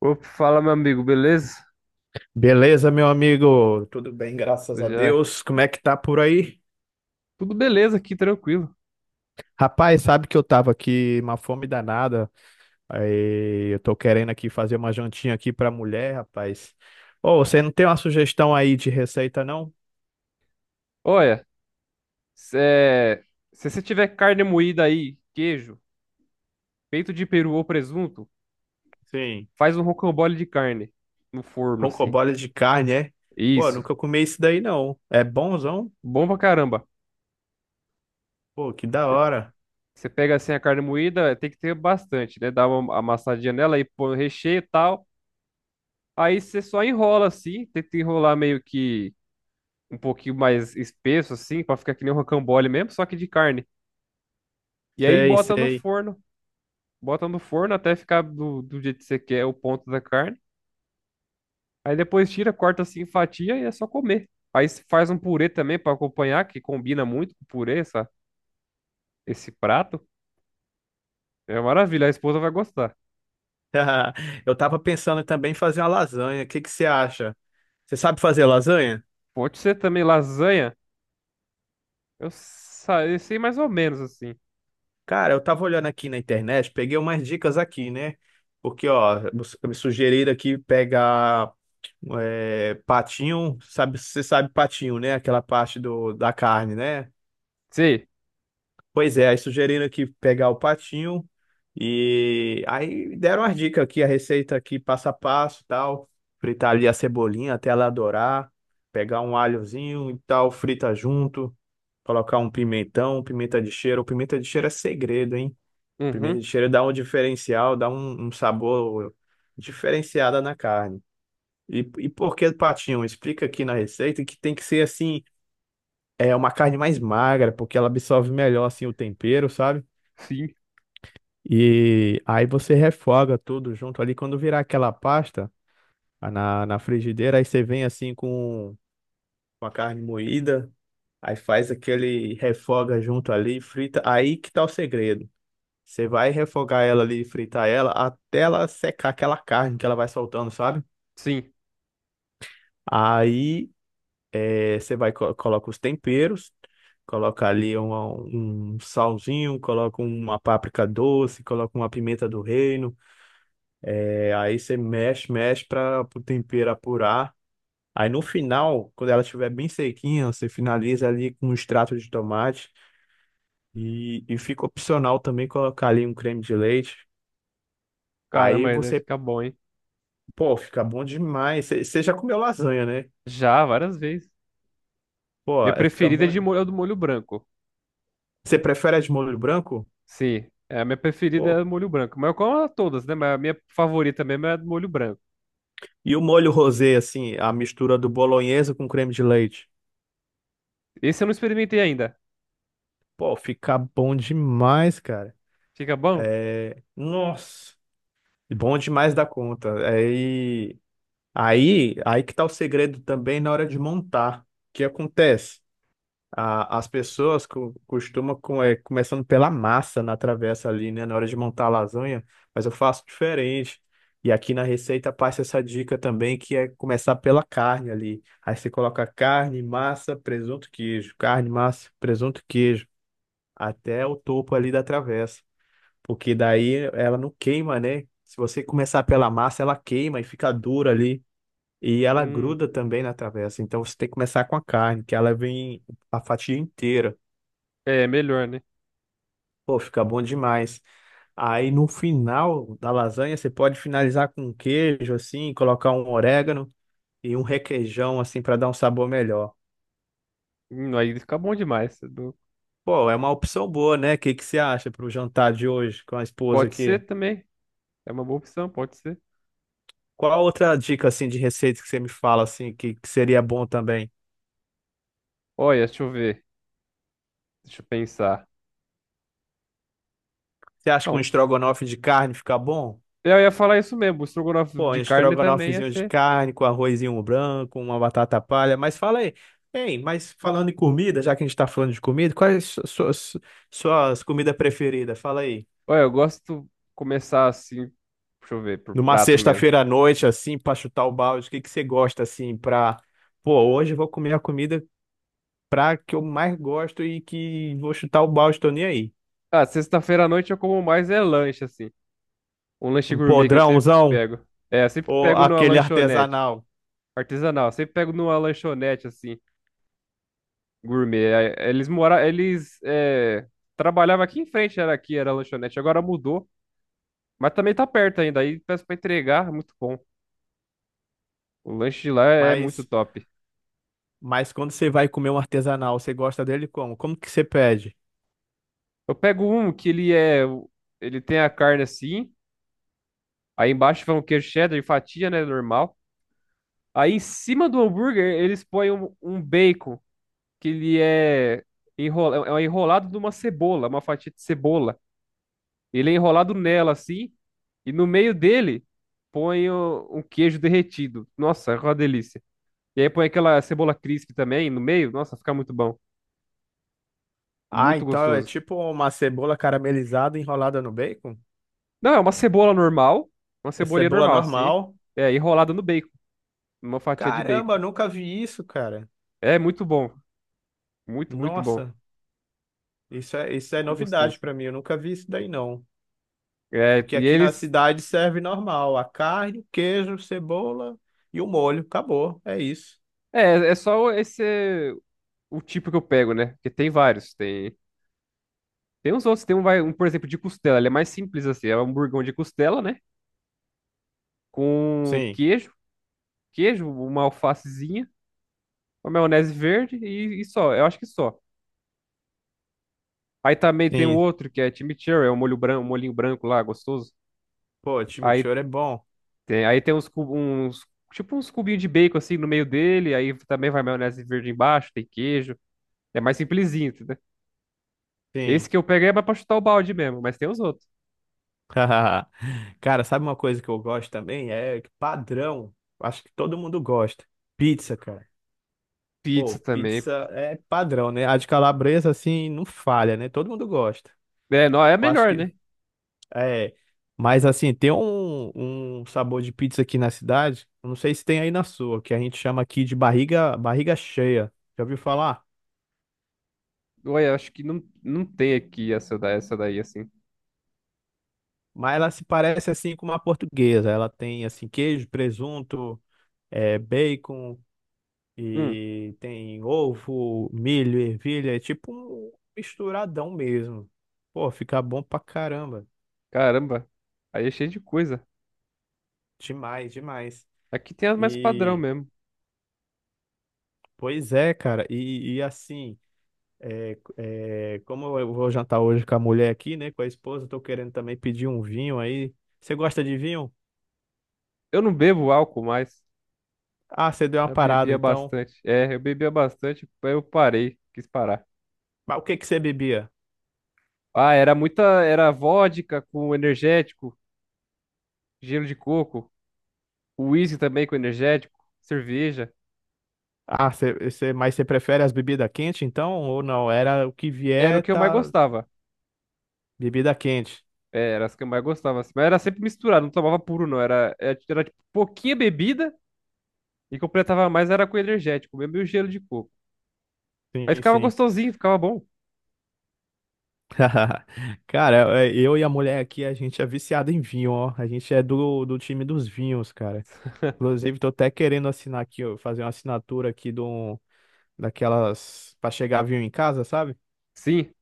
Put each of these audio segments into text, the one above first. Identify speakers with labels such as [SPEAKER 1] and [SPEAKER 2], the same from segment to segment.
[SPEAKER 1] Opa, fala, meu amigo, beleza?
[SPEAKER 2] Beleza, meu amigo? Tudo bem, graças a
[SPEAKER 1] Já é.
[SPEAKER 2] Deus. Como é que tá por aí?
[SPEAKER 1] Tudo beleza aqui, tranquilo.
[SPEAKER 2] Rapaz, sabe que eu tava aqui uma fome danada. Aí eu tô querendo aqui fazer uma jantinha aqui pra mulher, rapaz. Ô, você não tem uma sugestão aí de receita, não?
[SPEAKER 1] Olha, cê- se você tiver carne moída aí, queijo, peito de peru ou presunto,
[SPEAKER 2] Sim,
[SPEAKER 1] faz um rocambole de carne no forno, assim.
[SPEAKER 2] roncoboles de carne, é? Pô,
[SPEAKER 1] Isso.
[SPEAKER 2] nunca comi isso daí, não. É bonzão?
[SPEAKER 1] Bom pra caramba.
[SPEAKER 2] Pô, que da hora.
[SPEAKER 1] Você pega assim a carne moída, tem que ter bastante, né? Dá uma amassadinha nela e põe o recheio e tal. Aí você só enrola assim, tenta enrolar meio que um pouquinho mais espesso, assim, pra ficar que nem um rocambole mesmo, só que de carne. E aí
[SPEAKER 2] Sei,
[SPEAKER 1] bota no
[SPEAKER 2] sei.
[SPEAKER 1] forno. Bota no forno até ficar do jeito que você quer o ponto da carne. Aí depois tira, corta assim em fatia e é só comer. Aí se faz um purê também pra acompanhar, que combina muito com o purê, esse prato. É uma maravilha, a esposa vai gostar.
[SPEAKER 2] Eu tava pensando também em fazer uma lasanha. O que que você acha? Você sabe fazer lasanha?
[SPEAKER 1] Pode ser também lasanha. Eu sei mais ou menos assim.
[SPEAKER 2] Cara, eu tava olhando aqui na internet, peguei umas dicas aqui, né? Porque, ó, me sugeriram aqui pegar patinho, sabe, você sabe patinho, né? Aquela parte do, da carne, né?
[SPEAKER 1] Sei.
[SPEAKER 2] Pois é, aí sugeriram aqui pegar o patinho e aí deram as dicas aqui, a receita aqui passo a passo, e tal, fritar ali a cebolinha até ela dourar, pegar um alhozinho e tal, frita junto, colocar um pimentão, pimenta de cheiro é segredo, hein? Pimenta de
[SPEAKER 1] Uhum.
[SPEAKER 2] cheiro dá um diferencial, dá um, um sabor diferenciado na carne. E por que patinho? Explica aqui na receita que tem que ser assim, é uma carne mais magra, porque ela absorve melhor assim o tempero, sabe?
[SPEAKER 1] Sim.
[SPEAKER 2] E aí você refoga tudo junto ali. Quando virar aquela pasta na, na frigideira, aí você vem assim com a carne moída, aí faz aquele refoga junto ali, frita. Aí que tá o segredo. Você vai refogar ela ali, fritar ela, até ela secar aquela carne que ela vai soltando, sabe?
[SPEAKER 1] Sim.
[SPEAKER 2] Aí você vai, coloca os temperos, coloca ali um salzinho, coloca uma páprica doce, coloca uma pimenta do reino. Aí você mexe, mexe para o tempero apurar. Aí no final, quando ela estiver bem sequinha, você finaliza ali com um extrato de tomate. E fica opcional também colocar ali um creme de leite. Aí
[SPEAKER 1] Caramba, aí deve
[SPEAKER 2] você
[SPEAKER 1] ficar bom, hein?
[SPEAKER 2] Pô, fica bom demais. Você já comeu lasanha, né?
[SPEAKER 1] Já, várias vezes.
[SPEAKER 2] Pô,
[SPEAKER 1] Minha
[SPEAKER 2] é, fica
[SPEAKER 1] preferida
[SPEAKER 2] bom.
[SPEAKER 1] é de molho, é do molho branco.
[SPEAKER 2] Você prefere a de molho branco?
[SPEAKER 1] Sim. É, a minha preferida é
[SPEAKER 2] Pô.
[SPEAKER 1] do molho branco. Mas eu como todas, né? Mas a minha favorita mesmo é a do molho branco.
[SPEAKER 2] E o molho rosé, assim, a mistura do bolonhesa com creme de leite?
[SPEAKER 1] Esse eu não experimentei ainda.
[SPEAKER 2] Pô, fica bom demais, cara.
[SPEAKER 1] Fica bom?
[SPEAKER 2] É... Nossa, bom demais da conta. Aí, aí, aí que tá o segredo também na hora de montar. O que acontece? As pessoas costumam, com, é, começando pela massa na travessa ali, né, na hora de montar a lasanha, mas eu faço diferente. E aqui na receita passa essa dica também, que é começar pela carne ali. Aí você coloca carne, massa, presunto, queijo. Carne, massa, presunto, queijo. Até o topo ali da travessa. Porque daí ela não queima, né? Se você começar pela massa, ela queima e fica dura ali. E ela
[SPEAKER 1] Hum,
[SPEAKER 2] gruda também na travessa. Então você tem que começar com a carne, que ela vem a fatia inteira.
[SPEAKER 1] é melhor, né?
[SPEAKER 2] Pô, fica bom demais. Aí no final da lasanha você pode finalizar com um queijo assim, colocar um orégano e um requeijão assim para dar um sabor melhor.
[SPEAKER 1] Aí fica bom demais.
[SPEAKER 2] Pô, é uma opção boa, né? O que que você acha para o jantar de hoje com a esposa
[SPEAKER 1] Pode
[SPEAKER 2] aqui?
[SPEAKER 1] ser também. É uma boa opção, pode ser.
[SPEAKER 2] Qual outra dica assim de receita que você me fala assim que seria bom também?
[SPEAKER 1] Olha, deixa eu ver. Deixa eu pensar.
[SPEAKER 2] Você acha que um
[SPEAKER 1] Bom,
[SPEAKER 2] estrogonofe de carne fica bom?
[SPEAKER 1] eu ia falar isso mesmo. O estrogonofe
[SPEAKER 2] Pô, um
[SPEAKER 1] de carne também ia
[SPEAKER 2] estrogonofezinho de
[SPEAKER 1] ser.
[SPEAKER 2] carne com arrozinho branco, uma batata palha. Mas fala aí, hein, mas falando em comida, já que a gente tá falando de comida, quais suas, suas comidas preferidas? Fala aí.
[SPEAKER 1] Olha, eu gosto de começar assim. Deixa eu ver, por
[SPEAKER 2] Numa
[SPEAKER 1] prato mesmo.
[SPEAKER 2] sexta-feira à noite, assim, pra chutar o balde, o que que você gosta, assim, pra... Pô, hoje eu vou comer a comida pra que eu mais gosto e que vou chutar o balde, tô nem aí.
[SPEAKER 1] Ah, sexta-feira à noite eu como mais é lanche, assim. Um lanche
[SPEAKER 2] Um
[SPEAKER 1] gourmet que eu sempre
[SPEAKER 2] podrãozão
[SPEAKER 1] pego. É, eu sempre
[SPEAKER 2] ou
[SPEAKER 1] pego numa
[SPEAKER 2] aquele
[SPEAKER 1] lanchonete.
[SPEAKER 2] artesanal.
[SPEAKER 1] Artesanal, eu sempre pego numa lanchonete, assim. Gourmet. Eles moravam, trabalhavam aqui em frente, era aqui, era a lanchonete, agora mudou. Mas também tá perto ainda, aí peço pra entregar, é muito bom. O lanche de lá é muito
[SPEAKER 2] Mas,
[SPEAKER 1] top.
[SPEAKER 2] mas quando você vai comer um artesanal, você gosta dele como? Como que você pede?
[SPEAKER 1] Eu pego um que ele tem a carne assim, aí embaixo vai um queijo cheddar e fatia, né, normal. Aí em cima do hambúrguer eles põem um bacon, que enrola, é um enrolado numa cebola, uma fatia de cebola. Ele é enrolado nela assim, e no meio dele um queijo derretido. Nossa, é uma delícia. E aí põe aquela cebola crisp também no meio. Nossa, fica muito bom.
[SPEAKER 2] Ah,
[SPEAKER 1] Muito
[SPEAKER 2] então é
[SPEAKER 1] gostoso.
[SPEAKER 2] tipo uma cebola caramelizada enrolada no bacon?
[SPEAKER 1] Não, é uma cebola normal, uma
[SPEAKER 2] É
[SPEAKER 1] cebolinha
[SPEAKER 2] cebola
[SPEAKER 1] normal assim.
[SPEAKER 2] normal?
[SPEAKER 1] É, enrolada no bacon, numa fatia de bacon.
[SPEAKER 2] Caramba, nunca vi isso, cara.
[SPEAKER 1] É muito bom, muito, muito bom.
[SPEAKER 2] Nossa, isso é
[SPEAKER 1] Fica
[SPEAKER 2] novidade
[SPEAKER 1] gostoso.
[SPEAKER 2] pra mim. Eu nunca vi isso daí, não.
[SPEAKER 1] É,
[SPEAKER 2] Porque
[SPEAKER 1] e
[SPEAKER 2] aqui na
[SPEAKER 1] eles
[SPEAKER 2] cidade serve normal, a carne, queijo, cebola e o molho. Acabou, é isso.
[SPEAKER 1] é, é só esse o tipo que eu pego, né? Porque tem vários, tem uns outros, um, por exemplo, de costela, ele é mais simples assim, é um hamburgão de costela, né? Com
[SPEAKER 2] Sim,
[SPEAKER 1] queijo, queijo, uma alfacezinha, uma maionese verde e só. Eu acho que só. Aí também tem um
[SPEAKER 2] sim.
[SPEAKER 1] outro que é chimichurri, é um molho branco, um molhinho branco lá, gostoso.
[SPEAKER 2] Pô,
[SPEAKER 1] Aí
[SPEAKER 2] chimichurri é bom.
[SPEAKER 1] aí tem uns tipo uns cubinhos de bacon assim no meio dele, aí também vai maionese verde embaixo, tem queijo. É mais simplesinho, entendeu?
[SPEAKER 2] Sim.
[SPEAKER 1] Esse que eu peguei é mais pra chutar o balde mesmo, mas tem os outros.
[SPEAKER 2] Cara, sabe uma coisa que eu gosto também? É padrão. Acho que todo mundo gosta. Pizza, cara.
[SPEAKER 1] Pizza
[SPEAKER 2] Pô,
[SPEAKER 1] também.
[SPEAKER 2] pizza é padrão, né? A de calabresa, assim, não falha, né? Todo mundo gosta.
[SPEAKER 1] É, não, é
[SPEAKER 2] Eu acho
[SPEAKER 1] melhor,
[SPEAKER 2] que
[SPEAKER 1] né?
[SPEAKER 2] é. Mas, assim, tem um, um sabor de pizza aqui na cidade. Eu Não sei se tem aí na sua, que a gente chama aqui de barriga, barriga cheia. Já ouviu falar?
[SPEAKER 1] Ué, eu acho que não, não tem aqui essa daí assim.
[SPEAKER 2] Mas ela se parece, assim, com uma portuguesa. Ela tem, assim, queijo, presunto, é, bacon
[SPEAKER 1] Hum,
[SPEAKER 2] e tem ovo, milho, ervilha. É tipo um misturadão mesmo. Pô, fica bom pra caramba.
[SPEAKER 1] caramba. Aí é cheio de coisa.
[SPEAKER 2] Demais, demais.
[SPEAKER 1] Aqui tem as mais padrão
[SPEAKER 2] E,
[SPEAKER 1] mesmo.
[SPEAKER 2] pois é, cara, e assim, é, é, como eu vou jantar hoje com a mulher aqui, né, com a esposa, tô querendo também pedir um vinho aí. Você gosta de vinho?
[SPEAKER 1] Eu não bebo álcool mais.
[SPEAKER 2] Ah, você deu uma
[SPEAKER 1] Eu
[SPEAKER 2] parada,
[SPEAKER 1] bebia
[SPEAKER 2] então.
[SPEAKER 1] bastante. É, eu bebia bastante, aí eu parei, quis parar.
[SPEAKER 2] Mas o que que você bebia?
[SPEAKER 1] Ah, era vodka com energético, gelo de coco, uísque também com energético, cerveja.
[SPEAKER 2] Ah, mas você prefere as bebidas quentes, então, ou não? Era o que
[SPEAKER 1] Era o
[SPEAKER 2] vier,
[SPEAKER 1] que eu mais
[SPEAKER 2] tá,
[SPEAKER 1] gostava.
[SPEAKER 2] bebida quente.
[SPEAKER 1] É, era as que eu mais gostava, assim. Mas era sempre misturado, não tomava puro, não. Era tipo, pouquinha bebida e completava mais era com energético, mesmo e o gelo de coco. Aí
[SPEAKER 2] Sim,
[SPEAKER 1] ficava
[SPEAKER 2] sim.
[SPEAKER 1] gostosinho, ficava bom.
[SPEAKER 2] Cara, é, eu e a mulher aqui, a gente é viciado em vinho, ó. A gente é do, do time dos vinhos, cara. Inclusive, tô até querendo assinar aqui, ó, fazer uma assinatura aqui de um, daquelas para chegar avião em casa, sabe?
[SPEAKER 1] Sim,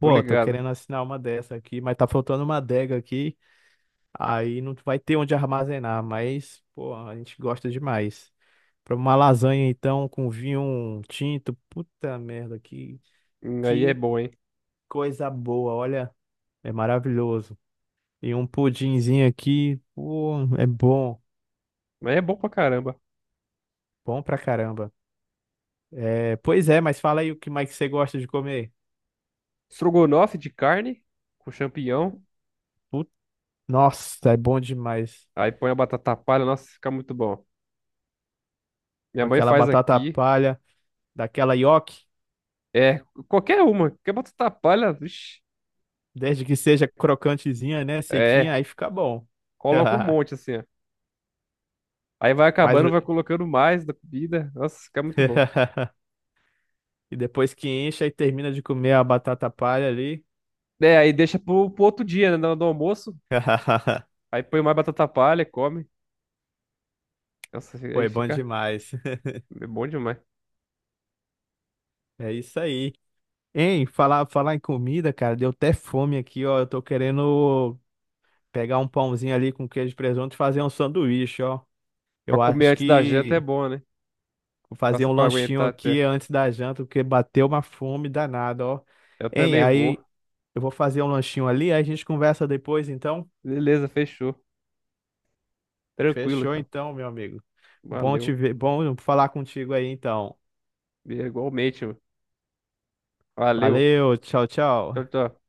[SPEAKER 1] tô
[SPEAKER 2] tô
[SPEAKER 1] ligado.
[SPEAKER 2] querendo assinar uma dessa aqui, mas tá faltando uma adega aqui, aí não vai ter onde armazenar, mas, pô, a gente gosta demais. Pra uma lasanha, então, com vinho um tinto, puta merda,
[SPEAKER 1] Aí é
[SPEAKER 2] que
[SPEAKER 1] bom, hein?
[SPEAKER 2] coisa boa, olha, é maravilhoso. E um pudinzinho aqui, pô, é bom,
[SPEAKER 1] Mas é bom pra caramba.
[SPEAKER 2] bom pra caramba. É, pois é, mas fala aí o que mais que você gosta de comer.
[SPEAKER 1] Estrogonofe de carne com champignon.
[SPEAKER 2] Nossa, é bom demais.
[SPEAKER 1] Aí põe a batata palha. Nossa, fica muito bom. Minha
[SPEAKER 2] Com
[SPEAKER 1] mãe
[SPEAKER 2] aquela
[SPEAKER 1] faz
[SPEAKER 2] batata
[SPEAKER 1] aqui.
[SPEAKER 2] palha, daquela nhoque,
[SPEAKER 1] É, qualquer uma. Qualquer batata palha. Vixi,
[SPEAKER 2] desde que seja crocantezinha, né? Sequinha,
[SPEAKER 1] é,
[SPEAKER 2] aí fica bom.
[SPEAKER 1] coloca um monte assim, ó. Aí vai
[SPEAKER 2] Mas o-
[SPEAKER 1] acabando, vai colocando mais da comida. Nossa, fica muito bom.
[SPEAKER 2] e depois que enche e termina de comer a batata palha ali.
[SPEAKER 1] É, aí deixa pro outro dia, né? No almoço. Aí põe mais batata palha, come. Nossa, aí
[SPEAKER 2] Foi bom
[SPEAKER 1] fica
[SPEAKER 2] demais.
[SPEAKER 1] é bom demais.
[SPEAKER 2] É isso aí. Hein, falar, falar em comida, cara, deu até fome aqui, ó. Eu tô querendo pegar um pãozinho ali com queijo e presunto e fazer um sanduíche, ó.
[SPEAKER 1] Pra
[SPEAKER 2] Eu
[SPEAKER 1] comer
[SPEAKER 2] acho
[SPEAKER 1] antes da janta é
[SPEAKER 2] que
[SPEAKER 1] bom, né?
[SPEAKER 2] Vou fazer
[SPEAKER 1] Passa
[SPEAKER 2] um
[SPEAKER 1] pra
[SPEAKER 2] lanchinho
[SPEAKER 1] aguentar
[SPEAKER 2] aqui
[SPEAKER 1] até.
[SPEAKER 2] antes da janta, porque bateu uma fome danada, ó.
[SPEAKER 1] Eu
[SPEAKER 2] Hein,
[SPEAKER 1] também vou.
[SPEAKER 2] aí eu vou fazer um lanchinho ali, aí a gente conversa depois, então.
[SPEAKER 1] Beleza, fechou. Tranquilo,
[SPEAKER 2] Fechou
[SPEAKER 1] então.
[SPEAKER 2] então, meu amigo. Bom te
[SPEAKER 1] Valeu.
[SPEAKER 2] ver, bom falar contigo aí, então.
[SPEAKER 1] Igualmente, mano. Valeu.
[SPEAKER 2] Valeu, tchau,
[SPEAKER 1] Tchau,
[SPEAKER 2] tchau.
[SPEAKER 1] tchau.